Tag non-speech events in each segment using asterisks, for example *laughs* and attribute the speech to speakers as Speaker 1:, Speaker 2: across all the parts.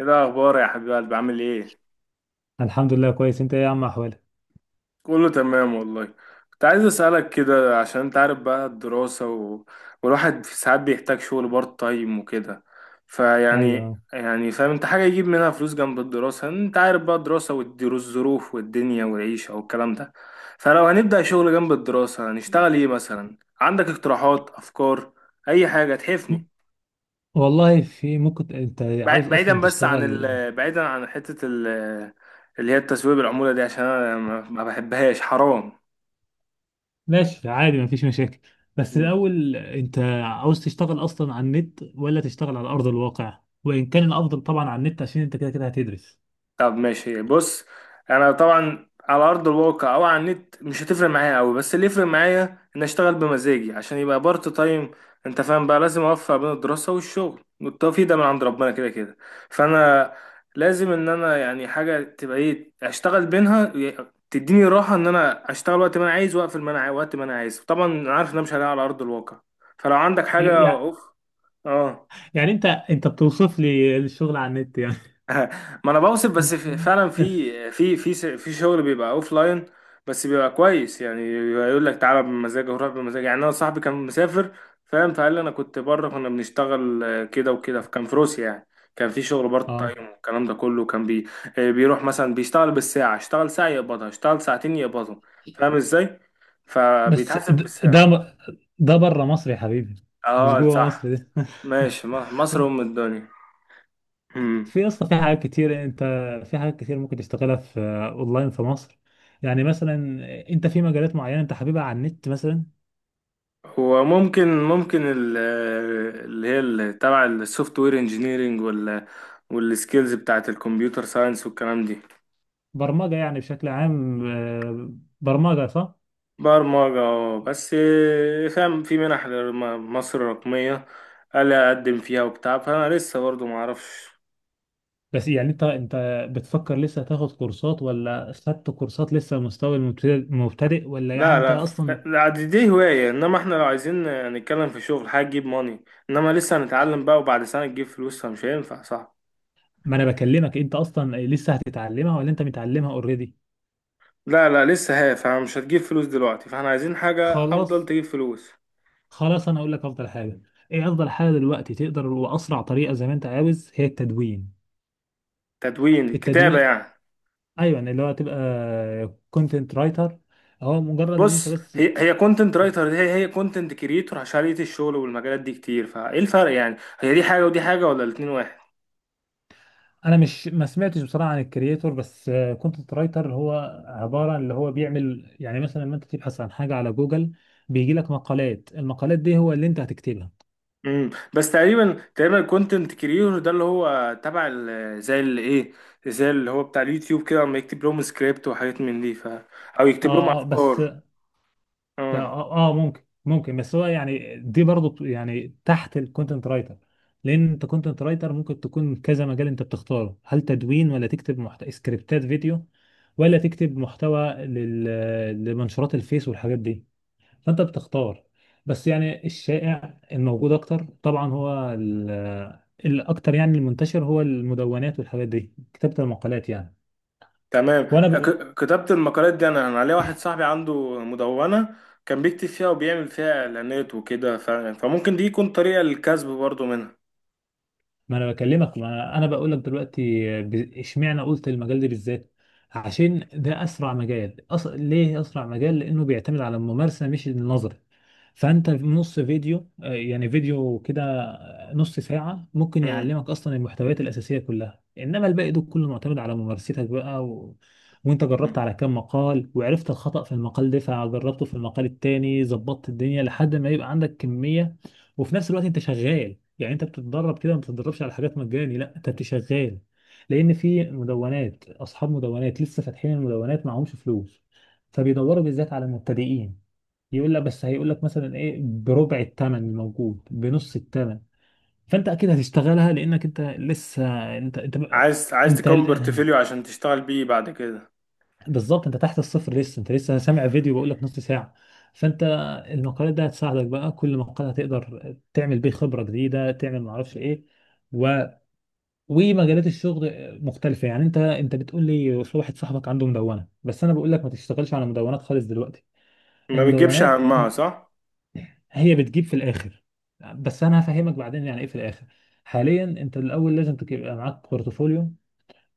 Speaker 1: ايه الاخبار يا حبيب قلبي عامل ايه؟
Speaker 2: الحمد لله كويس. انت ايه يا عم، احوالك؟
Speaker 1: كله تمام والله. كنت عايز اسالك كده، عشان انت عارف بقى الدراسه والواحد في ساعات بيحتاج شغل بارت تايم وكده. فيعني
Speaker 2: ايوه.
Speaker 1: يعني فاهم، انت حاجه يجيب منها فلوس جنب الدراسه، انت عارف بقى الدراسه والظروف والدنيا والعيشه والكلام ده. فلو هنبدا شغل جنب الدراسه هنشتغل ايه مثلا؟ عندك اقتراحات، افكار، اي حاجه
Speaker 2: م-
Speaker 1: تحفني؟
Speaker 2: والله في، ممكن انت عاوز اصلا
Speaker 1: بعيدا بس عن
Speaker 2: تشتغل؟
Speaker 1: بعيدا عن حتة اللي هي التسويق بالعمولة دي، عشان انا ما ما بحبهاش، حرام.
Speaker 2: ماشي عادي مفيش مشاكل. بس الاول انت عاوز تشتغل اصلا على النت ولا تشتغل على ارض الواقع؟ وان كان الافضل طبعا على النت عشان انت كده كده هتدرس.
Speaker 1: طب ماشي، بص. انا طبعا على ارض الواقع او على النت مش هتفرق معايا قوي، بس اللي يفرق معايا ان اشتغل بمزاجي عشان يبقى بارت تايم. انت فاهم بقى، لازم اوفق بين الدراسه والشغل، والتوفيق ده من عند ربنا كده كده. فانا لازم ان انا يعني حاجه تبقى ايه، اشتغل بينها تديني راحه، ان انا اشتغل وقت ما انا عايز واقفل ما انا عاي- وقت ما انا عايز. طبعا أنا عارف ان انا مش هلاقي على ارض الواقع. فلو عندك حاجه،
Speaker 2: يع-
Speaker 1: اوف. اه.
Speaker 2: يعني انت بتوصف لي الشغل على النت يعني؟
Speaker 1: ما انا بوصف، بس في فعلا،
Speaker 2: *laughs*
Speaker 1: في شغل بيبقى اوف لاين، بس بيبقى كويس، يعني يقول لك تعالى بمزاجك وروح بمزاجك. يعني انا صاحبي كان مسافر، فاهم، فقال لي انا كنت بره كنا بنشتغل، كده وكده، فكان في روسيا يعني. كان في شغل بارت
Speaker 2: اه
Speaker 1: تايم والكلام ده كله، كان بي آه، بيروح مثلا بيشتغل بالساعة، اشتغل ساعة يقبضها، اشتغل ساعتين يقبضهم. فاهم ازاي؟
Speaker 2: بس
Speaker 1: فبيتحاسب
Speaker 2: ده
Speaker 1: بالساعة.
Speaker 2: ده بره مصر يا حبيبي، مش
Speaker 1: اه،
Speaker 2: جوه
Speaker 1: صح.
Speaker 2: مصر ده.
Speaker 1: ماشي، مصر ام
Speaker 2: *laughs*
Speaker 1: الدنيا.
Speaker 2: في اصلا في حاجات كتير انت، في حاجات كتير ممكن تشتغلها في اونلاين في مصر. يعني مثلا انت في مجالات معينه انت حاببها على النت مثلا؟
Speaker 1: هو ممكن اللي هي تبع السوفت وير انجينيرنج، والسكيلز بتاعت الكمبيوتر ساينس والكلام دي.
Speaker 2: برمجه يعني بشكل عام، برمجه صح.
Speaker 1: برمجة، اه، بس آه، فاهم، في منح، مصر الرقمية، قال أقدم فيها وبتاع، فأنا لسه برضه معرفش.
Speaker 2: بس يعني انت بتفكر لسه تاخد كورسات ولا خدت كورسات لسه مستوى المبتدئ مبتدئ ولا يعني
Speaker 1: لا
Speaker 2: انت
Speaker 1: لا،
Speaker 2: اصلا؟
Speaker 1: لا، دي هواية، إنما إحنا لو عايزين نتكلم في شغل، حاجة تجيب ماني، إنما لسه هنتعلم بقى، وبعد سنة تجيب فلوس، فمش هينفع، صح؟
Speaker 2: ما انا بكلمك انت اصلا لسه هتتعلمها ولا انت متعلمها اوريدي.
Speaker 1: لا لا، لسه هي، فمش هتجيب فلوس دلوقتي، فاحنا عايزين حاجة أفضل
Speaker 2: خلاص،
Speaker 1: تجيب فلوس.
Speaker 2: خلاص انا اقول لك افضل حاجه. ايه افضل حاجه دلوقتي تقدر واسرع طريقه زي ما انت عاوز؟ هي التدوين.
Speaker 1: تدوين كتابة
Speaker 2: التدوين،
Speaker 1: يعني؟
Speaker 2: ايوه، يعني اللي هو تبقى كونتنت رايتر. هو مجرد ان انت
Speaker 1: بص،
Speaker 2: بس،
Speaker 1: هي هي كونتنت رايتر، هي هي كونتنت كريتور، عشان لقيت الشغل والمجالات دي كتير، فايه الفرق يعني؟ هي دي حاجة ودي حاجة، ولا الاتنين واحد؟
Speaker 2: انا مش ما سمعتش بصراحه عن الكرييتور، بس كونتنت رايتر هو عباره عن اللي هو بيعمل يعني مثلا لما انت تبحث عن حاجه على جوجل بيجي لك مقالات. المقالات دي هو اللي انت هتكتبها.
Speaker 1: بس تقريبا تقريبا، الكونتنت كريتور ده اللي هو تبع زي اللي ايه، زي اللي هو بتاع اليوتيوب كده، اما يكتب لهم سكريبت وحاجات من دي، او يكتب لهم
Speaker 2: اه اه بس
Speaker 1: افكار. اه،
Speaker 2: اه، ممكن ممكن بس هو يعني دي برضو يعني تحت الكونتنت رايتر. لان انت كونتنت رايتر ممكن تكون كذا مجال انت بتختاره. هل تدوين ولا تكتب سكريبتات فيديو، ولا تكتب محتوى لمنشورات الفيس والحاجات دي؟ فانت بتختار. بس يعني الشائع الموجود اكتر طبعا هو الاكتر، يعني المنتشر هو المدونات والحاجات دي، كتابة المقالات يعني.
Speaker 1: تمام.
Speaker 2: وانا بقول،
Speaker 1: كتابة المقالات دي، انا عليا واحد صاحبي عنده مدونة، كان بيكتب فيها وبيعمل فيها اعلانات وكده، فممكن دي يكون طريقة للكسب برضو منها.
Speaker 2: ما انا بكلمك، ما انا بقول لك دلوقتي، اشمعنى قلت المجال ده بالذات؟ عشان ده اسرع مجال. ليه اسرع مجال؟ لانه بيعتمد على الممارسه مش النظر. فانت في نص فيديو، يعني فيديو كده، نص ساعه ممكن
Speaker 1: مم.
Speaker 2: يعلمك اصلا المحتويات الاساسيه كلها، انما الباقي ده كله معتمد على ممارستك بقى، وانت
Speaker 1: مم.
Speaker 2: جربت على كام مقال وعرفت الخطأ في المقال ده فجربته في المقال التاني ظبطت الدنيا لحد ما يبقى عندك كميه. وفي نفس الوقت انت شغال، يعني انت بتتدرب كده. ما بتتدربش على حاجات مجاني، لا، انت بتشغال. لان في مدونات، اصحاب مدونات لسه فاتحين المدونات معهمش فلوس، فبيدوروا بالذات على المبتدئين. يقول لك بس، هيقول لك مثلا ايه؟ بربع الثمن الموجود، بنص الثمن. فانت اكيد هتشتغلها لانك انت لسه، انت انت
Speaker 1: عايز
Speaker 2: انت
Speaker 1: تكون بورتفوليو عشان تشتغل بيه بعد كده.
Speaker 2: بالظبط انت تحت الصفر لسه، انت لسه سامع فيديو بقول لك نص ساعه. فانت، المقالات دي هتساعدك بقى. كل مقال هتقدر تعمل بيه خبره جديده، تعمل ما اعرفش ايه، و... ومجالات الشغل مختلفه. يعني انت بتقول لي في واحد صاحبك عنده مدونه، بس انا بقول لك ما تشتغلش على مدونات خالص دلوقتي.
Speaker 1: ما بتجيبش
Speaker 2: المدونات
Speaker 1: همها، صح.
Speaker 2: هي بتجيب في الاخر، بس انا هفهمك بعدين يعني ايه في الاخر. حاليا انت الاول لازم تبقى معاك بورتفوليو،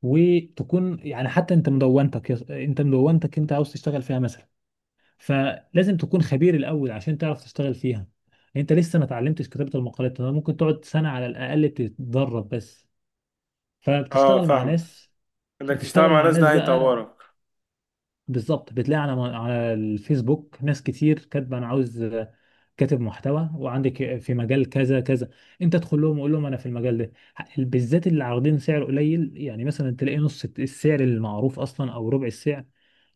Speaker 2: وتكون، يعني حتى انت مدونتك، انت مدونتك انت عاوز تشتغل فيها مثلا، فلازم تكون خبير الاول عشان تعرف تشتغل فيها. انت لسه ما اتعلمتش كتابة المقالات. انا ممكن تقعد سنة على الاقل تتدرب بس،
Speaker 1: اه،
Speaker 2: فبتشتغل مع
Speaker 1: فاهمة،
Speaker 2: ناس.
Speaker 1: انك تشتغل
Speaker 2: بتشتغل
Speaker 1: مع
Speaker 2: مع
Speaker 1: ناس
Speaker 2: ناس
Speaker 1: ده
Speaker 2: بقى
Speaker 1: هيطورك.
Speaker 2: بالظبط. بتلاقي على على الفيسبوك ناس كتير كاتبه: انا عاوز كاتب محتوى وعندك في مجال كذا كذا. انت ادخل لهم وقول لهم انا في المجال ده. بالذات اللي عارضين سعر قليل، يعني مثلا تلاقي نص السعر المعروف اصلا او ربع السعر.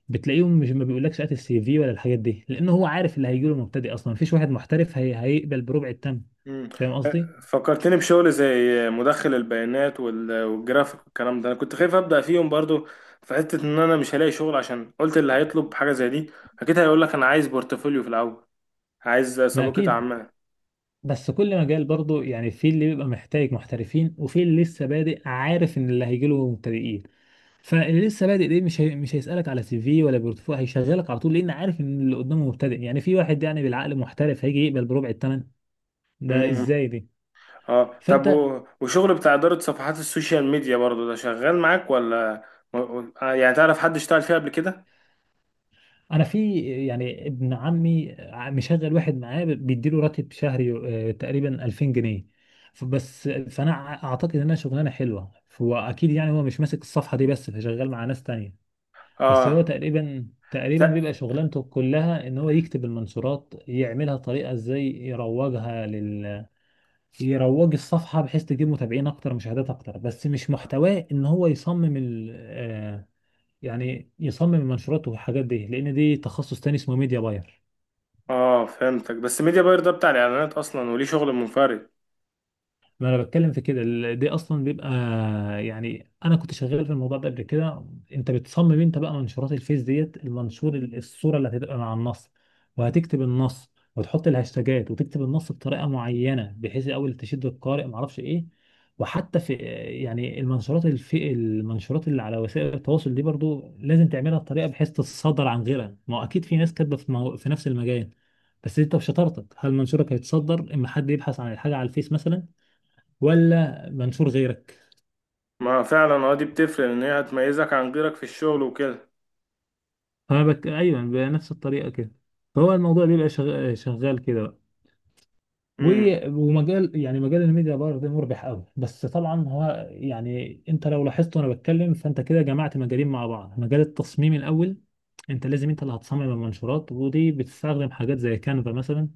Speaker 2: بتلاقيهم مش ما بيقولكش هات السي في ولا الحاجات دي، لان هو عارف اللي هيجيله مبتدئ اصلا. مفيش واحد محترف هيقبل بربع التمن.
Speaker 1: مم.
Speaker 2: فاهم قصدي؟
Speaker 1: فكرتني بشغل زي مدخل البيانات والجرافيك والكلام ده. انا كنت خايف ابدا فيهم برضو، في حته ان انا مش هلاقي شغل، عشان قلت اللي هيطلب حاجه زي دي اكيد هيقول لك انا عايز بورتفوليو في الاول، عايز
Speaker 2: ما
Speaker 1: سابقه
Speaker 2: اكيد،
Speaker 1: اعمال.
Speaker 2: بس كل مجال برضه يعني في اللي بيبقى محتاج محترفين وفي اللي لسه بادئ عارف ان اللي هيجيله مبتدئين. فاللي لسه بادئ ده مش مش هيسالك على سي في ولا بورتفوليو، هيشغلك على طول، لان عارف ان اللي قدامه مبتدئ. يعني في واحد يعني بالعقل محترف هيجي يقبل بربع التمن ده؟ ازاي دي؟
Speaker 1: اه، طب
Speaker 2: فانت،
Speaker 1: وشغل بتاع إدارة صفحات السوشيال ميديا برضو ده شغال معاك ولا؟ يعني تعرف حد اشتغل فيها قبل كده؟
Speaker 2: انا في، يعني ابن عمي مشغل واحد معاه بيديله راتب شهري، تقريبا 2000 جنيه. بس فانا اعتقد انها شغلانه حلوه. هو اكيد يعني هو مش ماسك الصفحه دي بس، فشغال مع ناس تانية. بس هو
Speaker 1: اه.
Speaker 2: تقريبا تقريبا بيبقى
Speaker 1: ت-
Speaker 2: شغلانته كلها ان هو يكتب المنشورات، يعملها طريقه ازاي يروجها لل، يروج الصفحه بحيث تجيب متابعين اكتر، مشاهدات اكتر. بس مش محتواه ان هو يصمم يعني يصمم منشوراته والحاجات دي، لان دي تخصص تاني اسمه ميديا باير.
Speaker 1: اه، فهمتك، بس ميديا باير ده بتاع الإعلانات أصلا، وليه شغل منفرد.
Speaker 2: ما انا بتكلم في كده دي اصلا بيبقى يعني انا كنت شغال في الموضوع ده قبل كده. انت بتصمم انت بقى منشورات الفيس ديت المنشور الصوره اللي هتبقى مع النص، وهتكتب النص، وتحط الهاشتاجات، وتكتب النص بطريقه معينه بحيث الاول تشد القارئ ما اعرفش ايه. وحتى في، يعني المنشورات الفي المنشورات اللي على وسائل التواصل دي برضو لازم تعملها بطريقه بحيث تتصدر عن غيرها. ما هو اكيد في ناس كاتبه في، في نفس المجال. بس انت بشطارتك هل منشورك هيتصدر اما حد يبحث عن الحاجه على الفيس مثلا، ولا منشور غيرك؟
Speaker 1: ما فعلا، اه، دي بتفرق، إن هي هتميزك عن غيرك في الشغل وكده.
Speaker 2: انا ايوه بنفس الطريقه كده. فهو الموضوع بيبقى شغال كده بقى.
Speaker 1: امم.
Speaker 2: ومجال، يعني مجال الميديا باير ده مربح قوي. بس طبعا هو يعني انت لو لاحظت وانا بتكلم فانت كده جمعت مجالين مع بعض. مجال التصميم الاول، انت لازم انت اللي هتصمم المنشورات، ودي بتستخدم حاجات زي كانفا مثلا.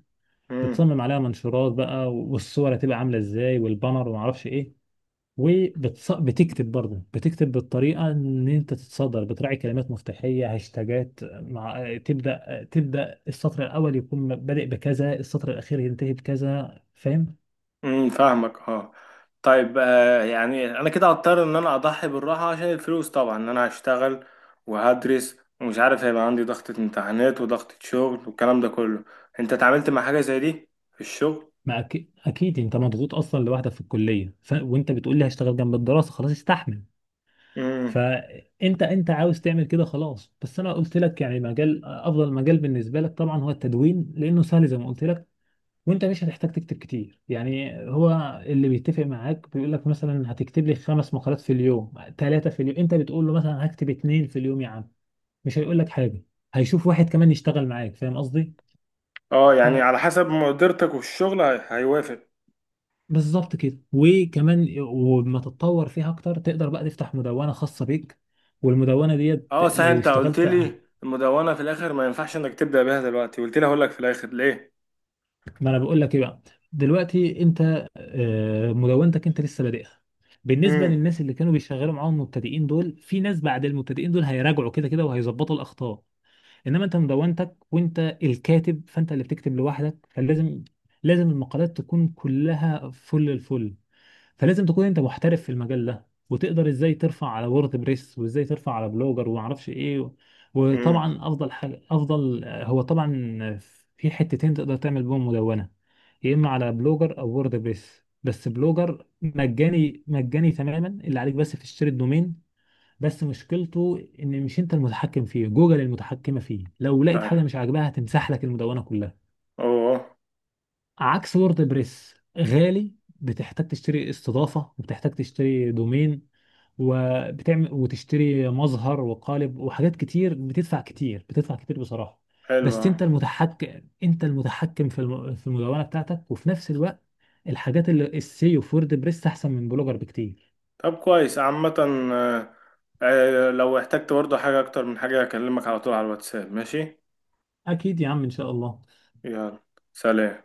Speaker 1: امم.
Speaker 2: بتصمم عليها منشورات بقى، والصور هتبقى عامله ازاي، والبانر، وما اعرفش ايه. وبتكتب برضه، بتكتب بالطريقه ان انت تتصدر، بتراعي كلمات مفتاحيه، هاشتاجات، مع تبدا السطر الاول يكون بادئ بكذا، السطر الاخير ينتهي بكذا. فاهم؟
Speaker 1: فاهمك، اه. طيب، يعني انا كده هضطر ان انا اضحي بالراحه عشان الفلوس، طبعا ان انا هشتغل وهدرس، ومش عارف هيبقى عندي ضغطه امتحانات وضغطه شغل والكلام ده كله. انت اتعاملت مع حاجه زي دي في الشغل؟
Speaker 2: ما أكيد، اكيد انت مضغوط اصلا لوحدك في الكليه. وانت بتقول لي هشتغل جنب الدراسه، خلاص استحمل.
Speaker 1: امم.
Speaker 2: فانت انت عاوز تعمل كده، خلاص. بس انا قلت لك يعني مجال افضل مجال بالنسبه لك طبعا هو التدوين لانه سهل زي ما قلت لك. وانت مش هتحتاج تكتب كتير، يعني هو اللي بيتفق معاك بيقول لك مثلا هتكتب لي 5 مقالات في اليوم، 3 في اليوم، انت بتقول له مثلا هكتب 2 في اليوم يا عم، مش هيقول لك حاجة، هيشوف واحد كمان يشتغل معاك. فاهم قصدي؟
Speaker 1: اه، يعني على حسب مقدرتك، والشغل هيوافق.
Speaker 2: فبالظبط كده. وكمان وما تتطور فيها اكتر تقدر بقى تفتح مدونة خاصة بيك، والمدونة ديت
Speaker 1: اه، صحيح،
Speaker 2: لو
Speaker 1: انت قلت
Speaker 2: اشتغلت.
Speaker 1: لي المدونه في الاخر ما ينفعش انك تبدا بيها دلوقتي، قلت لي هقول لك في الاخر ليه.
Speaker 2: ما انا بقول لك ايه بقى. دلوقتي انت، مدونتك انت لسه بادئها. بالنسبه
Speaker 1: امم.
Speaker 2: للناس اللي كانوا بيشغلوا معاهم المبتدئين دول في ناس بعد المبتدئين دول هيراجعوا كده كده وهيظبطوا الاخطاء. انما انت مدونتك وانت الكاتب، فانت اللي بتكتب لوحدك، فلازم، لازم المقالات تكون كلها فل الفل. فلازم تكون انت محترف في المجال ده، وتقدر ازاي ترفع على وورد بريس وازاي ترفع على بلوجر وما اعرفش ايه.
Speaker 1: امم.
Speaker 2: وطبعا افضل حاجه افضل هو طبعا في حتتين تقدر تعمل بهم مدونه: يا اما على بلوجر او وورد بريس. بس بلوجر مجاني مجاني تماما، اللي عليك بس تشتري الدومين. بس مشكلته ان مش انت المتحكم فيه، جوجل المتحكمه فيه. لو لقيت
Speaker 1: طيب،
Speaker 2: حاجه مش عاجباها هتمسح لك المدونه كلها.
Speaker 1: اوه.
Speaker 2: عكس ووردبريس، غالي، بتحتاج تشتري استضافة وبتحتاج تشتري دومين، وبتعمل وتشتري مظهر وقالب وحاجات كتير. بتدفع كتير، بتدفع كتير بصراحة.
Speaker 1: حلو
Speaker 2: بس
Speaker 1: آه.
Speaker 2: انت المتحكم، انت المتحكم في في المدونة بتاعتك. وفي نفس الوقت الحاجات اللي السيو في ووردبريس احسن من بلوجر بكتير.
Speaker 1: طب كويس، عامة. آه، لو احتجت برضه حاجة أكتر من حاجة، أكلمك على طول على الواتساب، ماشي؟
Speaker 2: اكيد يا عم ان شاء الله.
Speaker 1: يلا، سلام.